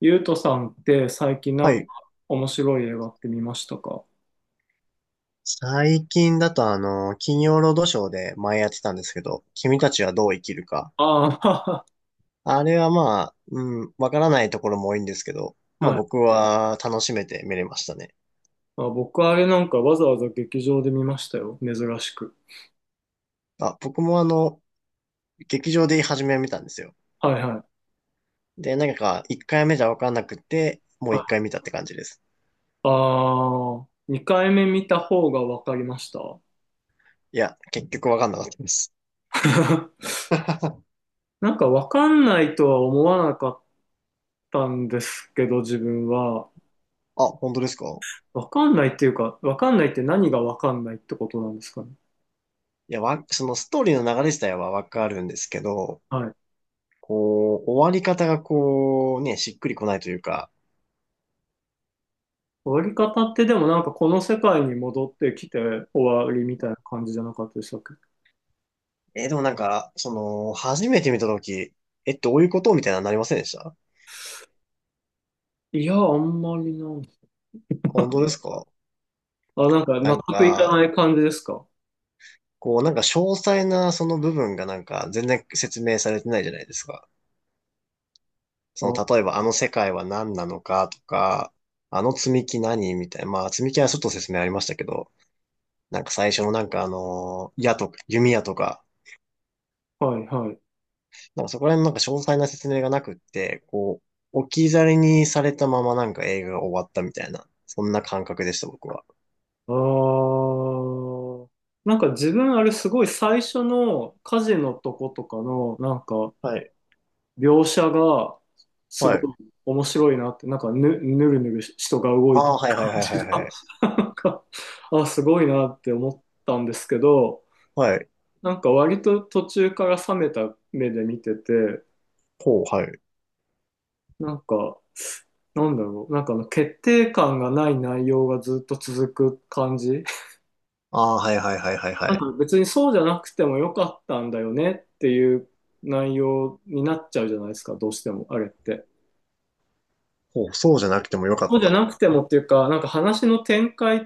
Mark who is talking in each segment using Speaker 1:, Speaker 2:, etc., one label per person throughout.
Speaker 1: ゆうとさんって最近な
Speaker 2: は
Speaker 1: んか
Speaker 2: い。
Speaker 1: 面白い映画って見ましたか？
Speaker 2: 最近だと金曜ロードショーで前やってたんですけど、君たちはどう生きるか。
Speaker 1: あ
Speaker 2: あれはまあ、うん、わからないところも多いんですけど、
Speaker 1: あ、
Speaker 2: まあ
Speaker 1: はい。
Speaker 2: 僕は楽しめて見れましたね。
Speaker 1: あ、僕あれなんかわざわざ劇場で見ましたよ。珍しく。
Speaker 2: あ、僕も劇場で初めは見たんですよ。
Speaker 1: はいはい。は
Speaker 2: で、なんか1回目じゃわかんなくて、もう1
Speaker 1: い、
Speaker 2: 回見たって感じです。
Speaker 1: ああ、2回目見た方がわかりました。
Speaker 2: いや、結局わかんなかったです。あ、
Speaker 1: なんかわかんないとは思わなかったんですけど、自分は。
Speaker 2: 本当ですか？
Speaker 1: わかんないっていうか、わかんないって何がわかんないってことなんですかね。
Speaker 2: いや、そのストーリーの流れ自体はわかるんですけど、
Speaker 1: はい。
Speaker 2: こう、終わり方がこう、ね、しっくりこないというか、
Speaker 1: 終わり方ってでもなんかこの世界に戻ってきて終わりみたいな感じじゃなかったでしたっけ？
Speaker 2: でもなんか、初めて見たとき、え、どういうことみたいなのなりませんでした？
Speaker 1: いや、あんまりなん。
Speaker 2: 本当ですか？
Speaker 1: あ、なんか
Speaker 2: な
Speaker 1: 納
Speaker 2: ん
Speaker 1: 得いか
Speaker 2: か、
Speaker 1: ない感じですか？
Speaker 2: こう、なんか詳細なその部分がなんか全然説明されてないじゃないですか。
Speaker 1: あ、
Speaker 2: 例えばあの世界は何なのかとか、あの積み木何みたいな。まあ、積み木はちょっと説明ありましたけど、なんか最初のなんか矢とか、弓矢とか、
Speaker 1: はい、はい。
Speaker 2: なんかそこら辺のなんか詳細な説明がなくって、こう、置き去りにされたままなんか映画が終わったみたいな、そんな感覚でした、僕は。
Speaker 1: あー。なんか自分あれすごい最初の火事のとことかのなんか
Speaker 2: はい
Speaker 1: 描写がすご
Speaker 2: はい。
Speaker 1: い面白いなって、なんかぬるぬるし人が動
Speaker 2: あ
Speaker 1: いてる
Speaker 2: あ、はいはい
Speaker 1: 感
Speaker 2: はいは
Speaker 1: じ
Speaker 2: い
Speaker 1: が、
Speaker 2: はい。
Speaker 1: なんか、あ、すごいなって思ったんですけど、
Speaker 2: はい。
Speaker 1: なんか割と途中から冷めた目で見てて、
Speaker 2: ほう、はい。
Speaker 1: なんか、なんだろう、なんかあの決定感がない内容がずっと続く感じ。
Speaker 2: ああ、はいはいはいはいは
Speaker 1: なん
Speaker 2: い。
Speaker 1: か別にそうじゃなくてもよかったんだよねっていう内容になっちゃうじゃないですか、どうしても、あれって。
Speaker 2: ほう、そうじゃなくてもよか
Speaker 1: そ
Speaker 2: っ
Speaker 1: うじゃ
Speaker 2: た。
Speaker 1: なくてもっていうか、なんか話の展開っ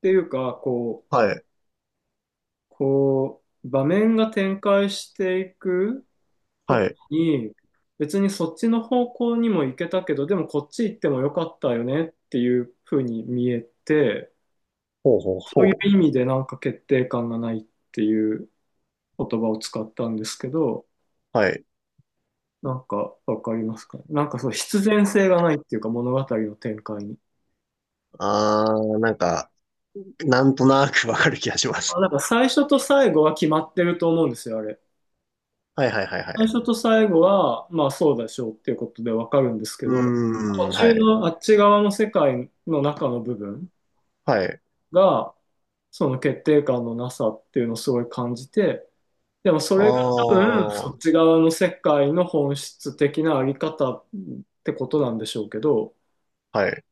Speaker 1: ていうか、こう、
Speaker 2: はい。
Speaker 1: 場面が展開していく
Speaker 2: は
Speaker 1: と
Speaker 2: い。
Speaker 1: きに、別にそっちの方向にも行けたけど、でもこっち行ってもよかったよねっていうふうに見えて、
Speaker 2: ほうほう
Speaker 1: そういう
Speaker 2: ほ
Speaker 1: 意味でなんか決定感がないっていう言葉を使ったんですけど、
Speaker 2: う。はい。
Speaker 1: なんかわかりますかね。なんかそう必然性がないっていうか物語の展開に。
Speaker 2: ああ、なんか、なんとなくわかる気がします。
Speaker 1: あ、なんか最初と最後は決まってると思うんですよ、あれ。
Speaker 2: はいはいはいは
Speaker 1: 最
Speaker 2: い。
Speaker 1: 初と最後は、まあそうでしょうっていうことでわかるんですけ
Speaker 2: う
Speaker 1: ど、
Speaker 2: ー
Speaker 1: 途
Speaker 2: ん、は
Speaker 1: 中
Speaker 2: い。
Speaker 1: のあっち側の世界の中の部分
Speaker 2: はい。
Speaker 1: が、その決定感のなさっていうのをすごい感じて、でもそ
Speaker 2: あ
Speaker 1: れが多分そっ
Speaker 2: あ、
Speaker 1: ち側の世界の本質的なあり方ってことなんでしょうけど、
Speaker 2: はい。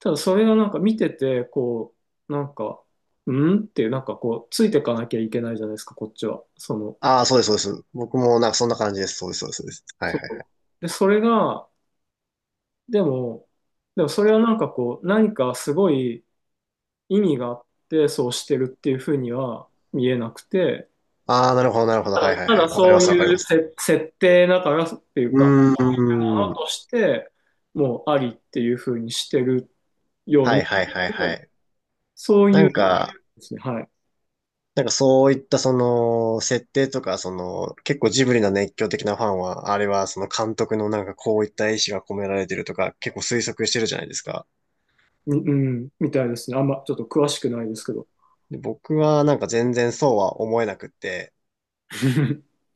Speaker 1: ただそれがなんか見てて、こう、なんか、うんっていう、なんかこう、ついてかなきゃいけないじゃないですか、こっちは。その、
Speaker 2: ああ、そうです、そうです。僕もなんかそんな感じです。そうです、そうです、そうです。はい
Speaker 1: そ
Speaker 2: は
Speaker 1: う。
Speaker 2: い。
Speaker 1: で、それが、でも、でもそれはなんかこう、何かすごい意味があって、そうしてるっていうふうには見えなくて、
Speaker 2: ああ、なるほど、なるほど。はいはい
Speaker 1: た
Speaker 2: は
Speaker 1: だ
Speaker 2: い。わかり
Speaker 1: そ
Speaker 2: ま
Speaker 1: う
Speaker 2: す、わかり
Speaker 1: い
Speaker 2: ま
Speaker 1: う
Speaker 2: す。
Speaker 1: 設定だからっていう
Speaker 2: う
Speaker 1: か、の
Speaker 2: ーん。
Speaker 1: として、もうありっていうふうにしてるよう
Speaker 2: はい
Speaker 1: に、
Speaker 2: はいはいは
Speaker 1: で
Speaker 2: い。
Speaker 1: そう
Speaker 2: な
Speaker 1: いう
Speaker 2: んか、
Speaker 1: ですね、はい。
Speaker 2: なんかそういったその設定とかその結構ジブリの熱狂的なファンはあれはその監督のなんかこういった意思が込められてるとか結構推測してるじゃないですか。
Speaker 1: うん、みたいですね。あんまちょっと詳しくないですけど。
Speaker 2: で、僕はなんか全然そうは思えなくって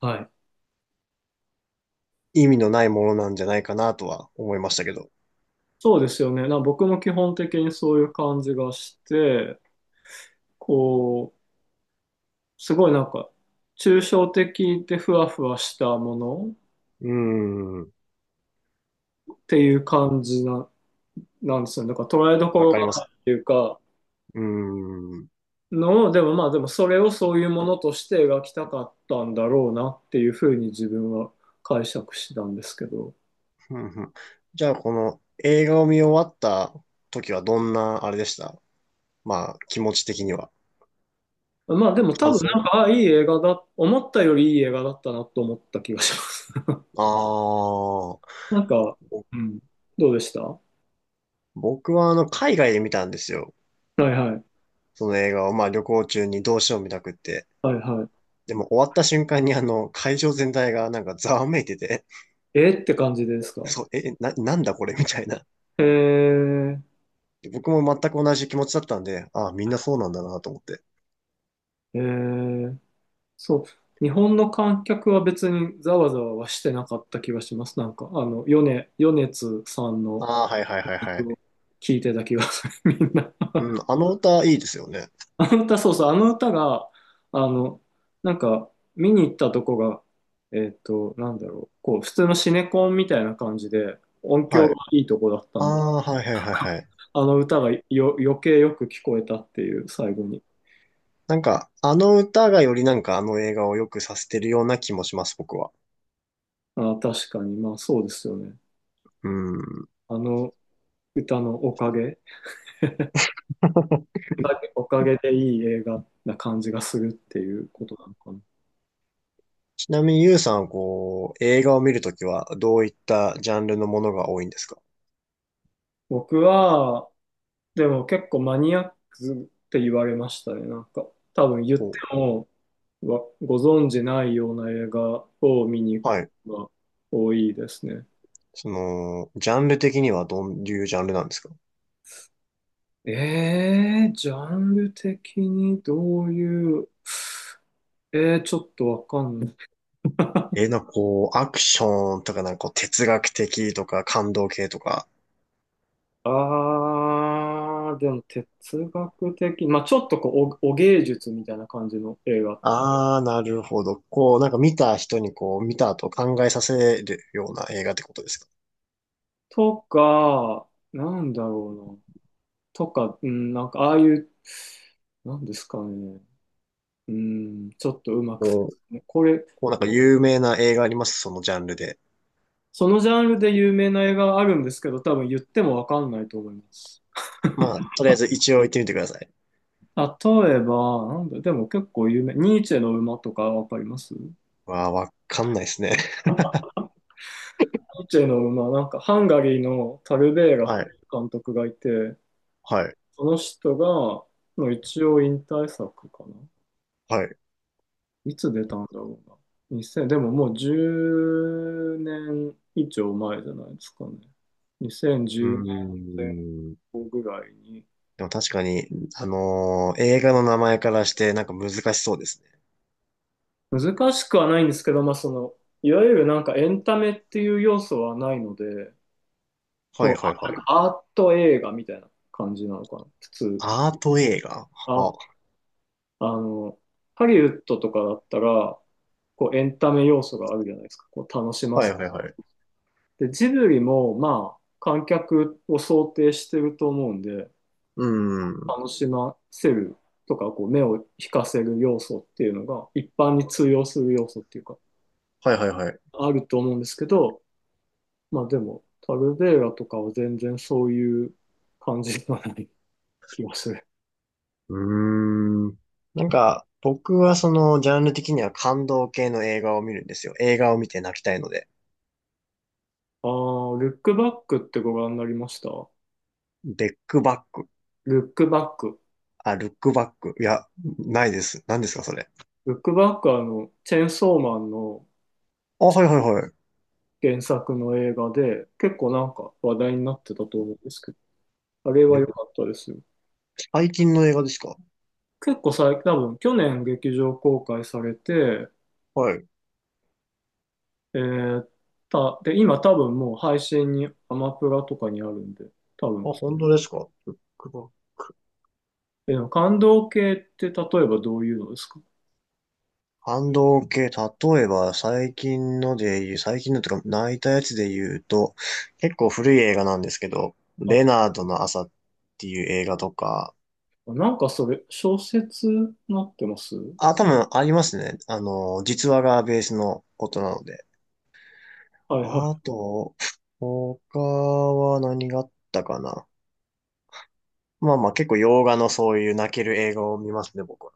Speaker 1: はい。
Speaker 2: 意味のないものなんじゃないかなとは思いましたけど。
Speaker 1: そうですよね。僕も基本的にそういう感じがして、こう、すごいなんか、抽象的でふわふわしたもの
Speaker 2: うーん、
Speaker 1: っていう感じな、なんですよね。だから捉えどこ
Speaker 2: わ
Speaker 1: ろ
Speaker 2: かり
Speaker 1: が
Speaker 2: ま
Speaker 1: な
Speaker 2: す。
Speaker 1: いっていうか、
Speaker 2: うーん。
Speaker 1: のを、でもまあでもそれをそういうものとして描きたかったんだろうなっていうふうに自分は解釈したんですけど。
Speaker 2: ふんふん。じゃあこの映画を見終わった時はどんなあれでした？まあ気持ち的には。
Speaker 1: まあでも多
Speaker 2: 感
Speaker 1: 分
Speaker 2: 想。
Speaker 1: なんか、あ、いい映画だ、思ったよりいい映画だったなと思った気がします。
Speaker 2: ああ
Speaker 1: なんか、
Speaker 2: ー、
Speaker 1: うん、どうでしたは
Speaker 2: 僕は海外で見たんですよ。
Speaker 1: いはい。
Speaker 2: その映画を、まあ旅行中にどうしよう見たくって。
Speaker 1: はいはい。
Speaker 2: でも終わった瞬間に会場全体がなんかざわめいてて、
Speaker 1: えーって感じですか？
Speaker 2: そう、なんだこれみたいな。
Speaker 1: えー、
Speaker 2: 僕も全く同じ気持ちだったんで、ああ、みんなそうなんだなと思って。
Speaker 1: えー、そう。日本の観客は別にざわざわはしてなかった気がします。なんか、あの、米津さんの
Speaker 2: ああ、はいはいはいはい。
Speaker 1: 曲を聴いてた気がする、みんな。
Speaker 2: うん、あの歌いいですよね。
Speaker 1: あの歌、そうそう、あの歌が、あの、なんか、見に行ったとこが、なんだろう、こう、普通のシネコンみたいな感じで、音
Speaker 2: は
Speaker 1: 響が
Speaker 2: い。
Speaker 1: いいとこだった
Speaker 2: あ
Speaker 1: んで、
Speaker 2: あ、はいはいはいはい。
Speaker 1: あの歌が余計よく聞こえたっていう、最後に。
Speaker 2: なんか、あの歌がよりなんかあの映画を良くさせてるような気もします、僕は。
Speaker 1: あ、確かに、まあそうですよね。
Speaker 2: うん。
Speaker 1: あの歌のおかげ、おかげでいい映画な感じがするっていうことなのかな。
Speaker 2: ちなみに、ゆうさんはこう、映画を見るときは、どういったジャンルのものが多いんですか？
Speaker 1: 僕は、でも結構マニアックって言われましたね。なんか、多分言って
Speaker 2: お、
Speaker 1: も、ご存じないような映画を見に行く
Speaker 2: はい。
Speaker 1: のが多いですね。
Speaker 2: ジャンル的にはどういうジャンルなんですか？
Speaker 1: えー、ジャンル的にどういう、えー、ちょっとわかんない。
Speaker 2: え、なんかこう、アクションとか、なんかこう、哲学的とか、感動系とか。
Speaker 1: あー、でも哲学的、まあちょっとこう、お芸術みたいな感じの映画
Speaker 2: あー、なるほど。こう、なんか見た人にこう、見た後考えさせるような映画ってことですか？
Speaker 1: とか、なんだろうな。とか、うん、なんか、ああいう、なんですかね。うん、ちょっとうまく。
Speaker 2: お、こ
Speaker 1: これ、
Speaker 2: うなんか有名な映画あります？そのジャンルで。
Speaker 1: そのジャンルで有名な映画があるんですけど、多分言ってもわかんないと思います。
Speaker 2: まあ、とりあえず一応行ってみてください。
Speaker 1: 例えば、なんだ、でも結構有名。ニーチェの馬とかわかります？ニ
Speaker 2: わー、わかんないですね。
Speaker 1: ーチェの馬、なんかハンガリーのタルベー ラ
Speaker 2: はい、
Speaker 1: 監督がいて、
Speaker 2: はい、
Speaker 1: その人が、の一応引退作かな。
Speaker 2: はい。
Speaker 1: いつ出たんだろうな。2 0でももう10年以上前じゃないですかね。2010
Speaker 2: う
Speaker 1: 年
Speaker 2: ー
Speaker 1: 前
Speaker 2: ん。
Speaker 1: 後ぐらいに。
Speaker 2: でも確かに、映画の名前からしてなんか難しそうですね。
Speaker 1: 難しくはないんですけど、まあその、いわゆるなんかエンタメっていう要素はないので、
Speaker 2: は
Speaker 1: こう、
Speaker 2: いはい
Speaker 1: あ
Speaker 2: は
Speaker 1: なんか
Speaker 2: い。
Speaker 1: アート映画みたいな感じなのかな。普通、
Speaker 2: アート映画？あ、
Speaker 1: あ、あの、ハリウッドとかだったら、こうエンタメ要素があるじゃないですか。こう楽しま
Speaker 2: はい
Speaker 1: す。
Speaker 2: はいはい。
Speaker 1: で、ジブリもまあ観客を想定してると思うんで、
Speaker 2: うーん。
Speaker 1: 楽しませるとか、こう目を引かせる要素っていうのが一般に通用する要素っていうか、
Speaker 2: はいはいはい。
Speaker 1: あると思うんですけど、まあでも、タルベーラとかは全然そういう感じではない気がする。
Speaker 2: うーん。なんか、僕はジャンル的には感動系の映画を見るんですよ。映画を見て泣きたいので。
Speaker 1: ああ、ルックバックってご覧になりました？
Speaker 2: ベックバック。
Speaker 1: ルックバック。
Speaker 2: あ、ルックバック。いや、ないです。何ですかそれ？
Speaker 1: ルックバックはあの、チェーンソーマンの
Speaker 2: あ、はいはいはい。
Speaker 1: 原作の映画で、結構なんか話題になってたと思うんですけど、あれは
Speaker 2: ルッ
Speaker 1: 良
Speaker 2: ク
Speaker 1: かったですよ。
Speaker 2: 最近の映画ですか？
Speaker 1: 結構最近、多分去年劇場公開されて、
Speaker 2: はい。
Speaker 1: えー、で、今多分もう配信に、アマプラとかにあるんで、多
Speaker 2: あ、
Speaker 1: 分。
Speaker 2: 本当ですか？ルックバッ
Speaker 1: えー、でも感動系って例えばどういうのですか？
Speaker 2: 反動系、例えば最近ので言う、最近のとか泣いたやつで言うと、結構古い映画なんですけど、
Speaker 1: は
Speaker 2: レナードの朝っていう映画とか、
Speaker 1: い。なんかそれ、小説になってます
Speaker 2: あ、多分ありますね。実話がベースのことなので。
Speaker 1: はい
Speaker 2: あと、他は何があったかな。まあまあ結構洋画のそういう泣ける映画を見ますね、僕は。